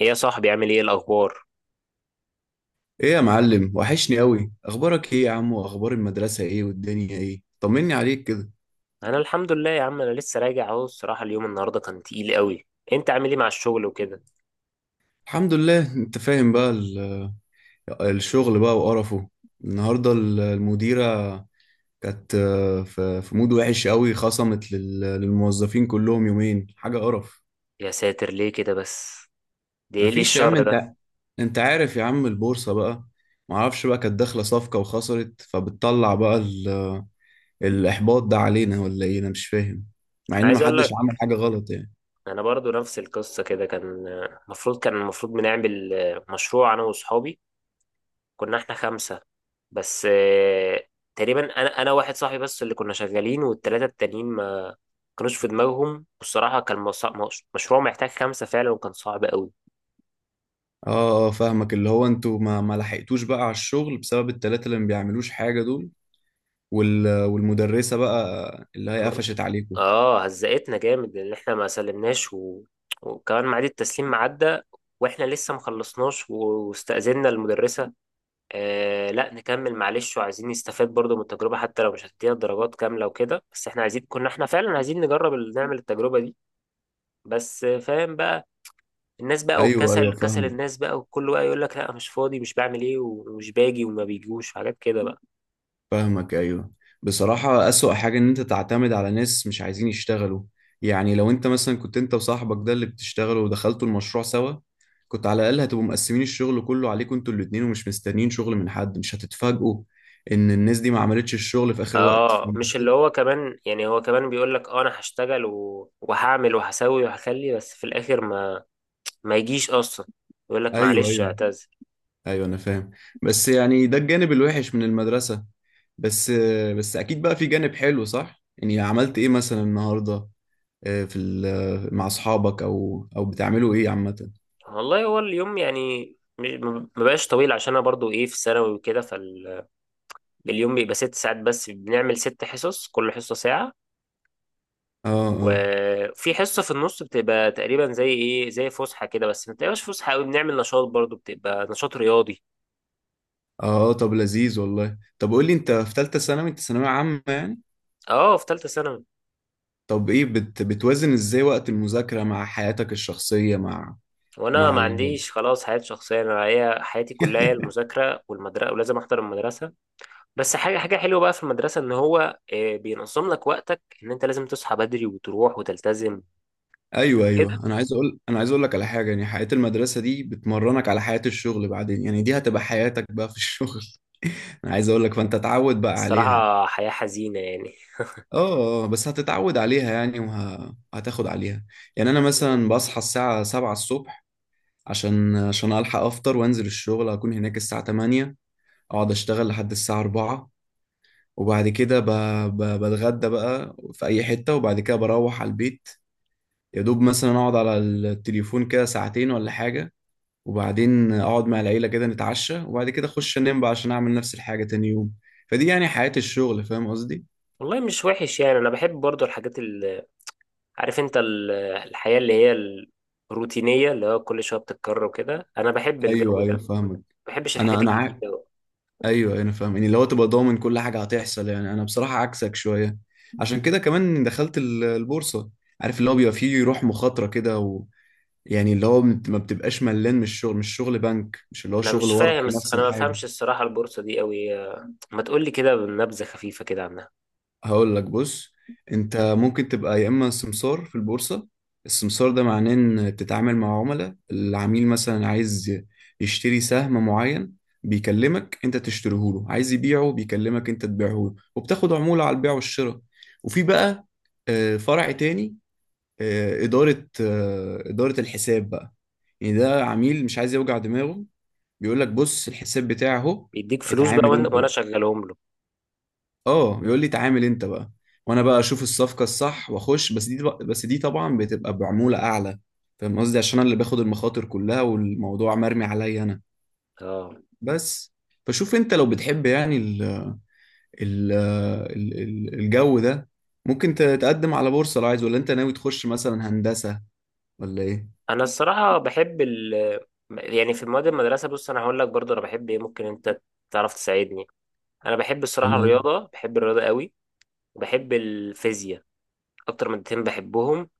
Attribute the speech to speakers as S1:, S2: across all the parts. S1: ايه يا صاحبي عامل ايه الاخبار؟
S2: ايه يا معلم، وحشني قوي. اخبارك ايه يا عم؟ واخبار المدرسة ايه؟ والدنيا ايه؟ طمني عليك كده.
S1: انا الحمد لله يا عم، انا لسه راجع اهو. الصراحه اليوم النهارده كان تقيل قوي. انت عامل ايه مع الشغل وكده؟
S2: الحمد لله. انت فاهم بقى، الشغل بقى وقرفه. النهاردة المديرة كانت في مود وحش قوي، خصمت للموظفين كلهم يومين. حاجة قرف.
S1: يا ساتر ليه كده بس؟ ده ايه، ليه
S2: مفيش يا عم.
S1: الشر ده؟
S2: انت، انت عارف يا عم البورصة بقى، معرفش بقى، كانت داخلة صفقة وخسرت، فبتطلع بقى الإحباط ده علينا ولا ايه؟ انا مش فاهم، مع
S1: انا
S2: ان
S1: عايز اقول
S2: محدش
S1: لك،
S2: عمل حاجة غلط يعني.
S1: انا برضو نفس القصه كده. كان المفروض بنعمل مشروع انا واصحابي. كنا احنا خمسه. بس تقريبا انا واحد صاحبي بس اللي كنا شغالين، والثلاثه التانيين ما كانوش في دماغهم. والصراحه كان مشروع محتاج خمسه فعلا، وكان صعب قوي.
S2: اه، اه، فاهمك. اللي هو انتوا ما لحقتوش بقى على الشغل بسبب التلاتة اللي ما بيعملوش حاجة دول. والمدرسة بقى اللي هي قفشت عليكم.
S1: اه، هزقتنا جامد لان احنا ما سلمناش، وكمان ميعاد التسليم عدى، واحنا لسه ما خلصناش، واستأذنا المدرسة لا نكمل، معلش، وعايزين نستفاد برضو من التجربة حتى لو مش هتدينا درجات كاملة وكده. بس احنا عايزين، كنا احنا فعلا عايزين نجرب، نعمل التجربة دي. بس فاهم بقى، الناس بقى
S2: ايوه، ايوه،
S1: والكسل، كسل
S2: فاهمك،
S1: الناس بقى، وكل بقى يقول لك لا مش فاضي، مش بعمل ايه، ومش باجي، وما بيجوش، وحاجات كده بقى.
S2: فاهمك، ايوه. بصراحة أسوأ حاجة ان انت تعتمد على ناس مش عايزين يشتغلوا. يعني لو انت مثلا كنت انت وصاحبك ده اللي بتشتغلوا ودخلتوا المشروع سوا، كنت على الأقل هتبقوا مقسمين الشغل كله عليكم انتوا الاتنين، ومش مستنيين شغل من حد، مش هتتفاجئوا ان الناس دي ما عملتش الشغل في آخر وقت.
S1: اه،
S2: فاهم
S1: مش اللي
S2: قصدي؟
S1: هو كمان يعني، هو كمان بيقول لك اه انا هشتغل وهعمل وهسوي وهخلي، بس في الاخر ما يجيش اصلا، يقول لك
S2: ايوه،
S1: معلش
S2: ايوه،
S1: اعتذر.
S2: ايوه انا فاهم. بس يعني ده الجانب الوحش من المدرسة. بس بس اكيد بقى في جانب حلو، صح؟ يعني عملت ايه مثلا النهاردة في مع اصحابك، او بتعملوا ايه عامة؟
S1: والله هو اليوم يعني م- ما بقاش طويل، عشان انا برضو ايه، في الثانوي وكده. فاليوم بيبقى 6 ساعات بس، بنعمل ست حصص، كل حصة ساعة.
S2: اه، اه،
S1: وفي حصة في النص بتبقى تقريبا زي ايه، زي فسحة كده، بس ما بتبقاش فسحة قوي، بنعمل نشاط برضو، بتبقى نشاط رياضي.
S2: اه، طب لذيذ والله. طب قول لي، انت في ثالثة ثانوي، انت ثانوية عامة يعني.
S1: اه، في ثالثة ثانوي.
S2: طب ايه، بتوازن ازاي وقت المذاكرة مع حياتك الشخصية، مع
S1: وانا
S2: مع
S1: ما
S2: ال...
S1: عنديش خلاص حياه شخصيه، انا هي حياتي كلها هي المذاكره والمدرسه، ولازم احضر المدرسه. بس حاجه حلوه بقى في المدرسه، ان هو بينظم لك وقتك، ان انت لازم تصحى بدري وتروح وتلتزم
S2: ايوه،
S1: كده.
S2: ايوه، انا عايز اقول لك على حاجه. يعني حياه المدرسه دي بتمرنك على حياه الشغل بعدين. يعني دي هتبقى حياتك بقى في الشغل. انا عايز اقول لك، فانت اتعود بقى عليها.
S1: الصراحه حياه حزينه يعني.
S2: اه، بس هتتعود عليها يعني، وهتاخد عليها. يعني انا مثلا بصحى الساعه 7 الصبح، عشان الحق افطر وانزل الشغل، اكون هناك الساعه 8، اقعد اشتغل لحد الساعه 4، وبعد كده بتغدى بقى في اي حته، وبعد كده بروح على البيت. يا دوب مثلا اقعد على التليفون كده ساعتين ولا حاجه، وبعدين اقعد مع العيله كده نتعشى، وبعد كده اخش انام بقى عشان اعمل نفس الحاجه تاني يوم. فدي يعني حياه الشغل، فاهم قصدي؟
S1: والله مش وحش يعني، انا بحب برضو الحاجات اللي، عارف انت، الحياه اللي هي الروتينيه، اللي هو كل شويه بتتكرر وكده، انا بحب
S2: ايوه،
S1: الجو ده،
S2: ايوه،
S1: ما
S2: فاهمك.
S1: بحبش
S2: انا
S1: الحاجات
S2: انا ع...
S1: الجديده.
S2: ايوه انا فاهم. يعني لو تبقى ضامن كل حاجه هتحصل، يعني انا بصراحه عكسك شويه. عشان كده كمان دخلت البورصه. عارف، اللي هو بيبقى فيه روح مخاطره كده و... يعني اللي هو ما بتبقاش ملان من الشغل. مش شغل بنك، مش اللي هو
S1: انا
S2: شغل
S1: مش فاهم،
S2: ورقي نفس
S1: انا ما
S2: الحاجه.
S1: بفهمش الصراحه البورصه دي قوي، ما تقول لي كده بنبذه خفيفه كده عنها.
S2: هقول لك، بص، انت ممكن تبقى يا اما سمسار في البورصه. السمسار ده معناه ان بتتعامل مع عملاء. العميل مثلا عايز يشتري سهم معين، بيكلمك انت تشتريه له، عايز يبيعه بيكلمك انت تبيعه له، وبتاخد عموله على البيع والشراء. وفي بقى فرع تاني، اداره، اداره الحساب بقى. يعني ده عميل مش عايز يوجع دماغه، بيقول لك بص الحساب بتاعه اهو،
S1: بيديك فلوس بقى،
S2: اتعامل
S1: وأنا
S2: انت.
S1: شغلهم له.
S2: اه، يقول لي تعامل انت بقى، وانا بقى اشوف الصفقه الصح واخش. بس دي، بس دي طبعا بتبقى بعموله اعلى، فاهم قصدي؟ عشان انا اللي باخد المخاطر كلها والموضوع مرمي عليا انا.
S1: اه،
S2: بس فشوف انت، لو بتحب يعني الجو ده، ممكن تقدم على بورصه لو عايز، ولا انت ناوي تخش مثلا هندسه، ولا ايه؟
S1: انا الصراحه بحب يعني في مواد المدرسه، بص انا هقول لك برضه انا بحب ايه، ممكن انت تعرف تساعدني. انا بحب الصراحه
S2: تمام.
S1: الرياضه، بحب الرياضه قوي، وبحب الفيزياء. اكتر مادتين بحبهم،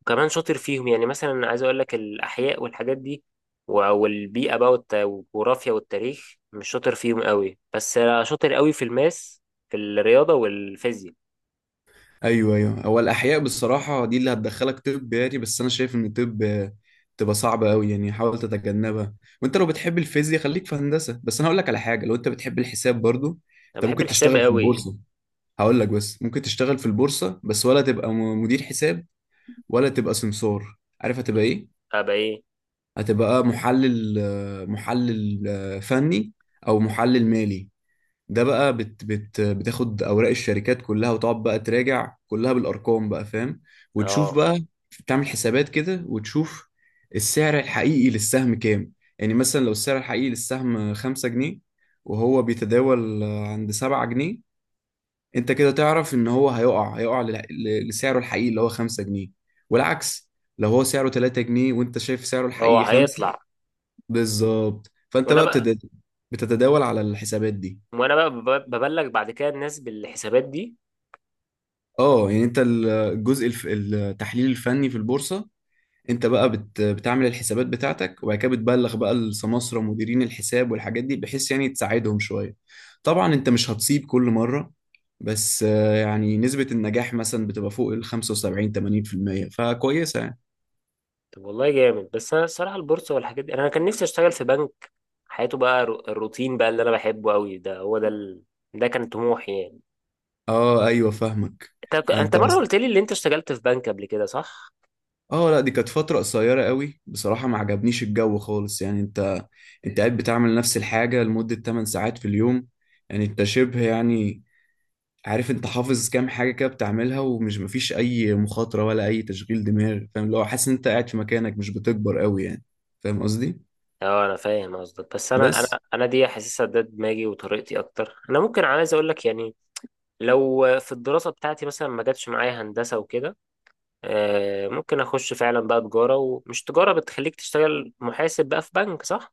S1: وكمان شاطر فيهم. يعني مثلا عايز اقول لك، الاحياء والحاجات دي، والبيئه بقى، والجغرافيا والتاريخ مش شاطر فيهم قوي، بس أنا شاطر قوي في الرياضه والفيزياء.
S2: ايوه، ايوه. هو الاحياء بالصراحه دي اللي هتدخلك طب يعني. بس انا شايف ان الطب تبقى صعبه قوي يعني، حاول تتجنبها. وانت لو بتحب الفيزياء خليك في هندسه. بس انا هقول لك على حاجه، لو انت بتحب الحساب برضو،
S1: انا
S2: انت
S1: بحب
S2: ممكن
S1: الحساب
S2: تشتغل في
S1: قوي.
S2: البورصه. هقول لك، بس ممكن تشتغل في البورصه. بس ولا تبقى مدير حساب، ولا تبقى سمسار. عارف هتبقى ايه؟
S1: ابقى ايه؟
S2: هتبقى محلل، محلل، فني، او محلل مالي. ده بقى بت بتاخد اوراق الشركات كلها، وتقعد بقى تراجع كلها بالارقام بقى، فاهم؟ وتشوف
S1: اه،
S2: بقى، تعمل حسابات كده، وتشوف السعر الحقيقي للسهم كام. يعني مثلا لو السعر الحقيقي للسهم خمسة جنيه، وهو بيتداول عند سبعة جنيه، انت كده تعرف ان هو هيقع، هيقع لسعره الحقيقي اللي هو خمسة جنيه. والعكس، لو هو سعره تلاتة جنيه، وانت شايف سعره
S1: هو
S2: الحقيقي خمسة،
S1: هيطلع.
S2: بالظبط. فانت
S1: وانا
S2: بقى
S1: بقى
S2: بتتداول على الحسابات دي.
S1: وانا بقى ببلغ بعد كده الناس بالحسابات دي.
S2: اه، يعني انت الجزء التحليل الفني في البورصة. انت بقى بتعمل الحسابات بتاعتك، وبعد كده بتبلغ بقى السماسرة مديرين الحساب والحاجات دي، بحيث يعني تساعدهم شوية. طبعا انت مش هتصيب كل مرة، بس يعني نسبة النجاح مثلا بتبقى فوق ال 75 80% فكويسة يعني.
S1: طب والله جامد، بس انا الصراحه البورصه والحاجات دي، انا كان نفسي اشتغل في بنك. حياته بقى الروتين بقى اللي انا بحبه قوي، ده هو ده، ده كان طموحي يعني.
S2: اه، ايوه، فاهمك.
S1: انت
S2: انت،
S1: مره قلت لي اللي انت اشتغلت في بنك قبل كده، صح؟
S2: اه لا، دي كانت فترة قصيرة قوي بصراحة، ما عجبنيش الجو خالص يعني. انت، انت قاعد بتعمل نفس الحاجة لمدة 8 ساعات في اليوم. يعني انت شبه يعني، عارف، انت حافظ كام حاجه كده بتعملها، ومش مفيش اي مخاطره ولا اي تشغيل دماغ، فاهم؟ اللي هو حاسس ان انت قاعد في مكانك، مش بتكبر قوي يعني. فاهم قصدي؟
S1: اه، انا فاهم قصدك بس انا انا
S2: بس
S1: انا دي حاسسها ده دماغي وطريقتي اكتر، انا ممكن عايز اقول لك يعني، لو في الدراسه بتاعتي مثلا ما جاتش معايا هندسه وكده، ممكن اخش فعلا بقى تجاره، ومش تجاره بتخليك تشتغل محاسب بقى في بنك، صح؟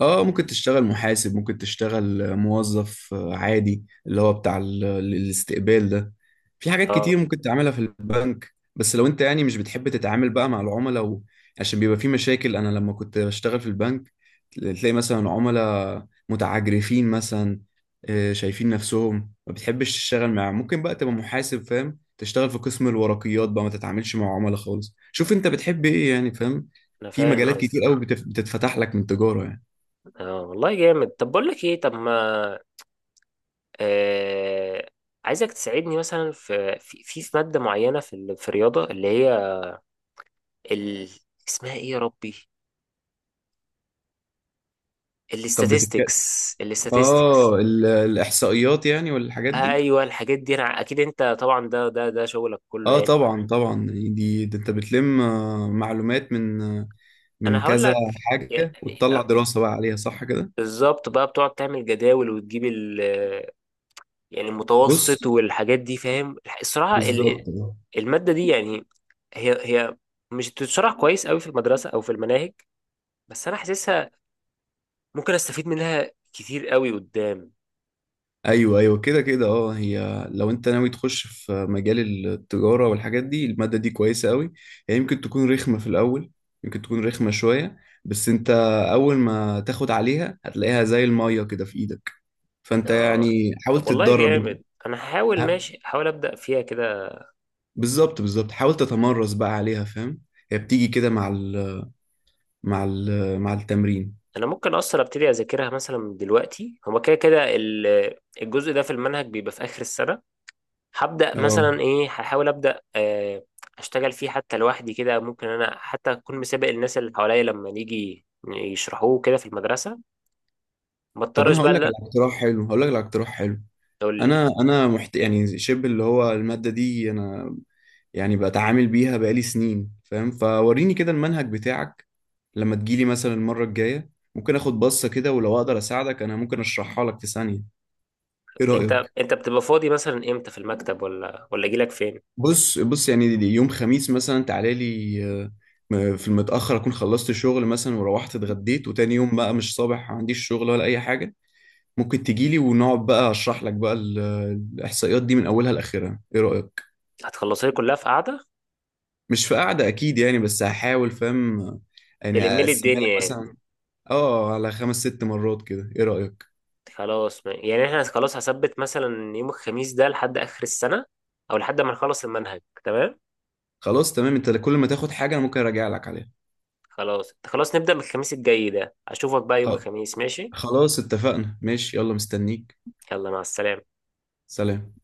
S2: اه، ممكن تشتغل محاسب، ممكن تشتغل موظف عادي اللي هو بتاع الاستقبال ده. في حاجات
S1: اه،
S2: كتير ممكن تعملها في البنك. بس لو انت يعني مش بتحب تتعامل بقى مع العملاء و... عشان بيبقى في مشاكل. انا لما كنت بشتغل في البنك، تلاقي مثلا عملاء متعجرفين مثلا، شايفين نفسهم، ما بتحبش تشتغل معاهم، ممكن بقى تبقى محاسب، فاهم، تشتغل في قسم الورقيات بقى، ما تتعاملش مع عملاء خالص. شوف انت بتحب ايه يعني، فاهم؟
S1: انا
S2: في
S1: فاهم
S2: مجالات كتير
S1: قصدك.
S2: قوي بتتفتح لك من تجارة يعني.
S1: اه والله جامد. طب بقول لك ايه، طب ما آه عايزك تساعدني مثلا في ماده معينه، في في الرياضه اللي هي ال... اسمها ايه يا ربي،
S2: طب بتتكلم،
S1: الاستاتستكس الاستاتستكس
S2: اه الاحصائيات يعني والحاجات دي.
S1: ايوه، الحاجات دي، انا اكيد انت طبعا ده شغلك كله
S2: اه
S1: يعني.
S2: طبعا، طبعا. دي، ده انت بتلم معلومات من من
S1: انا هقول
S2: كذا
S1: لك يعني،
S2: حاجة، وتطلع دراسة بقى عليها، صح كده؟
S1: بالظبط بقى بتقعد تعمل جداول وتجيب يعني المتوسط
S2: بص،
S1: والحاجات دي، فاهم. الصراحه
S2: بالظبط آه.
S1: الماده دي يعني هي مش بتتشرح كويس قوي في المدرسه او في المناهج، بس انا حاسسها ممكن استفيد منها كتير قوي قدام.
S2: ايوه، ايوه، كده كده. اه، هي لو انت ناوي تخش في مجال التجارة والحاجات دي، المادة دي كويسة قوي. هي يمكن تكون رخمة في الاول، يمكن تكون رخمة شوية، بس انت اول ما تاخد عليها، هتلاقيها زي المية كده في ايدك. فانت
S1: اه،
S2: يعني حاول
S1: طب والله
S2: تتدرب انت.
S1: جامد، انا هحاول،
S2: ها،
S1: ماشي هحاول ابدا فيها كده.
S2: بالظبط، بالظبط، حاول تتمرس بقى عليها، فاهم؟ هي بتيجي كده مع مع التمرين.
S1: انا ممكن اصلا ابتدي اذاكرها مثلا من دلوقتي، هو كده كده الجزء ده في المنهج بيبقى في اخر السنه. هبدا
S2: اه،
S1: مثلا ايه، هحاول ابدا اشتغل فيه حتى لوحدي كده، ممكن انا حتى اكون مسابق الناس اللي حواليا لما نيجي يشرحوه كده في المدرسه، ما
S2: طب
S1: اضطرش
S2: انا
S1: بقى
S2: هقول لك
S1: لا.
S2: على اقتراح حلو، هقول لك على اقتراح حلو.
S1: تقول لي،
S2: يعني شبه اللي هو المادة دي انا يعني بتعامل بيها بقالي سنين، فاهم؟ فوريني كده المنهج بتاعك لما تجيلي مثلا المرة الجاية، ممكن اخد بصة كده، ولو اقدر اساعدك انا، ممكن اشرحها لك في ثانية. ايه
S1: انت
S2: رأيك؟
S1: انت بتبقى فاضي مثلا امتى، في المكتب ولا اجي لك فين؟
S2: بص، بص، يعني يوم خميس مثلا تعالى لي، في المتأخر، اكون خلصت شغل مثلا، وروحت اتغديت، وتاني يوم بقى مش صابح عنديش شغل ولا اي حاجة، ممكن تجيلي، ونقعد بقى اشرح لك بقى الاحصائيات دي من اولها لاخرها. ايه رايك؟
S1: هتخلصها لي كلها في قعده؟
S2: مش في قعده اكيد يعني، بس هحاول، فاهم؟ يعني
S1: تلم لي
S2: اقسمها لك
S1: الدنيا يعني.
S2: مثلا اه على خمس ست مرات كده، ايه رايك؟
S1: خلاص يعني احنا خلاص هثبت مثلا يوم الخميس ده لحد اخر السنه، او لحد ما نخلص المنهج، تمام.
S2: خلاص تمام. انت كل ما تاخد حاجه انا ممكن اراجع لك عليها.
S1: خلاص خلاص، نبدأ من الخميس الجاي ده، اشوفك بقى يوم
S2: خ-
S1: الخميس، ماشي.
S2: خلاص، اتفقنا. ماشي، يلا مستنيك.
S1: يلا، مع السلامة.
S2: سلام.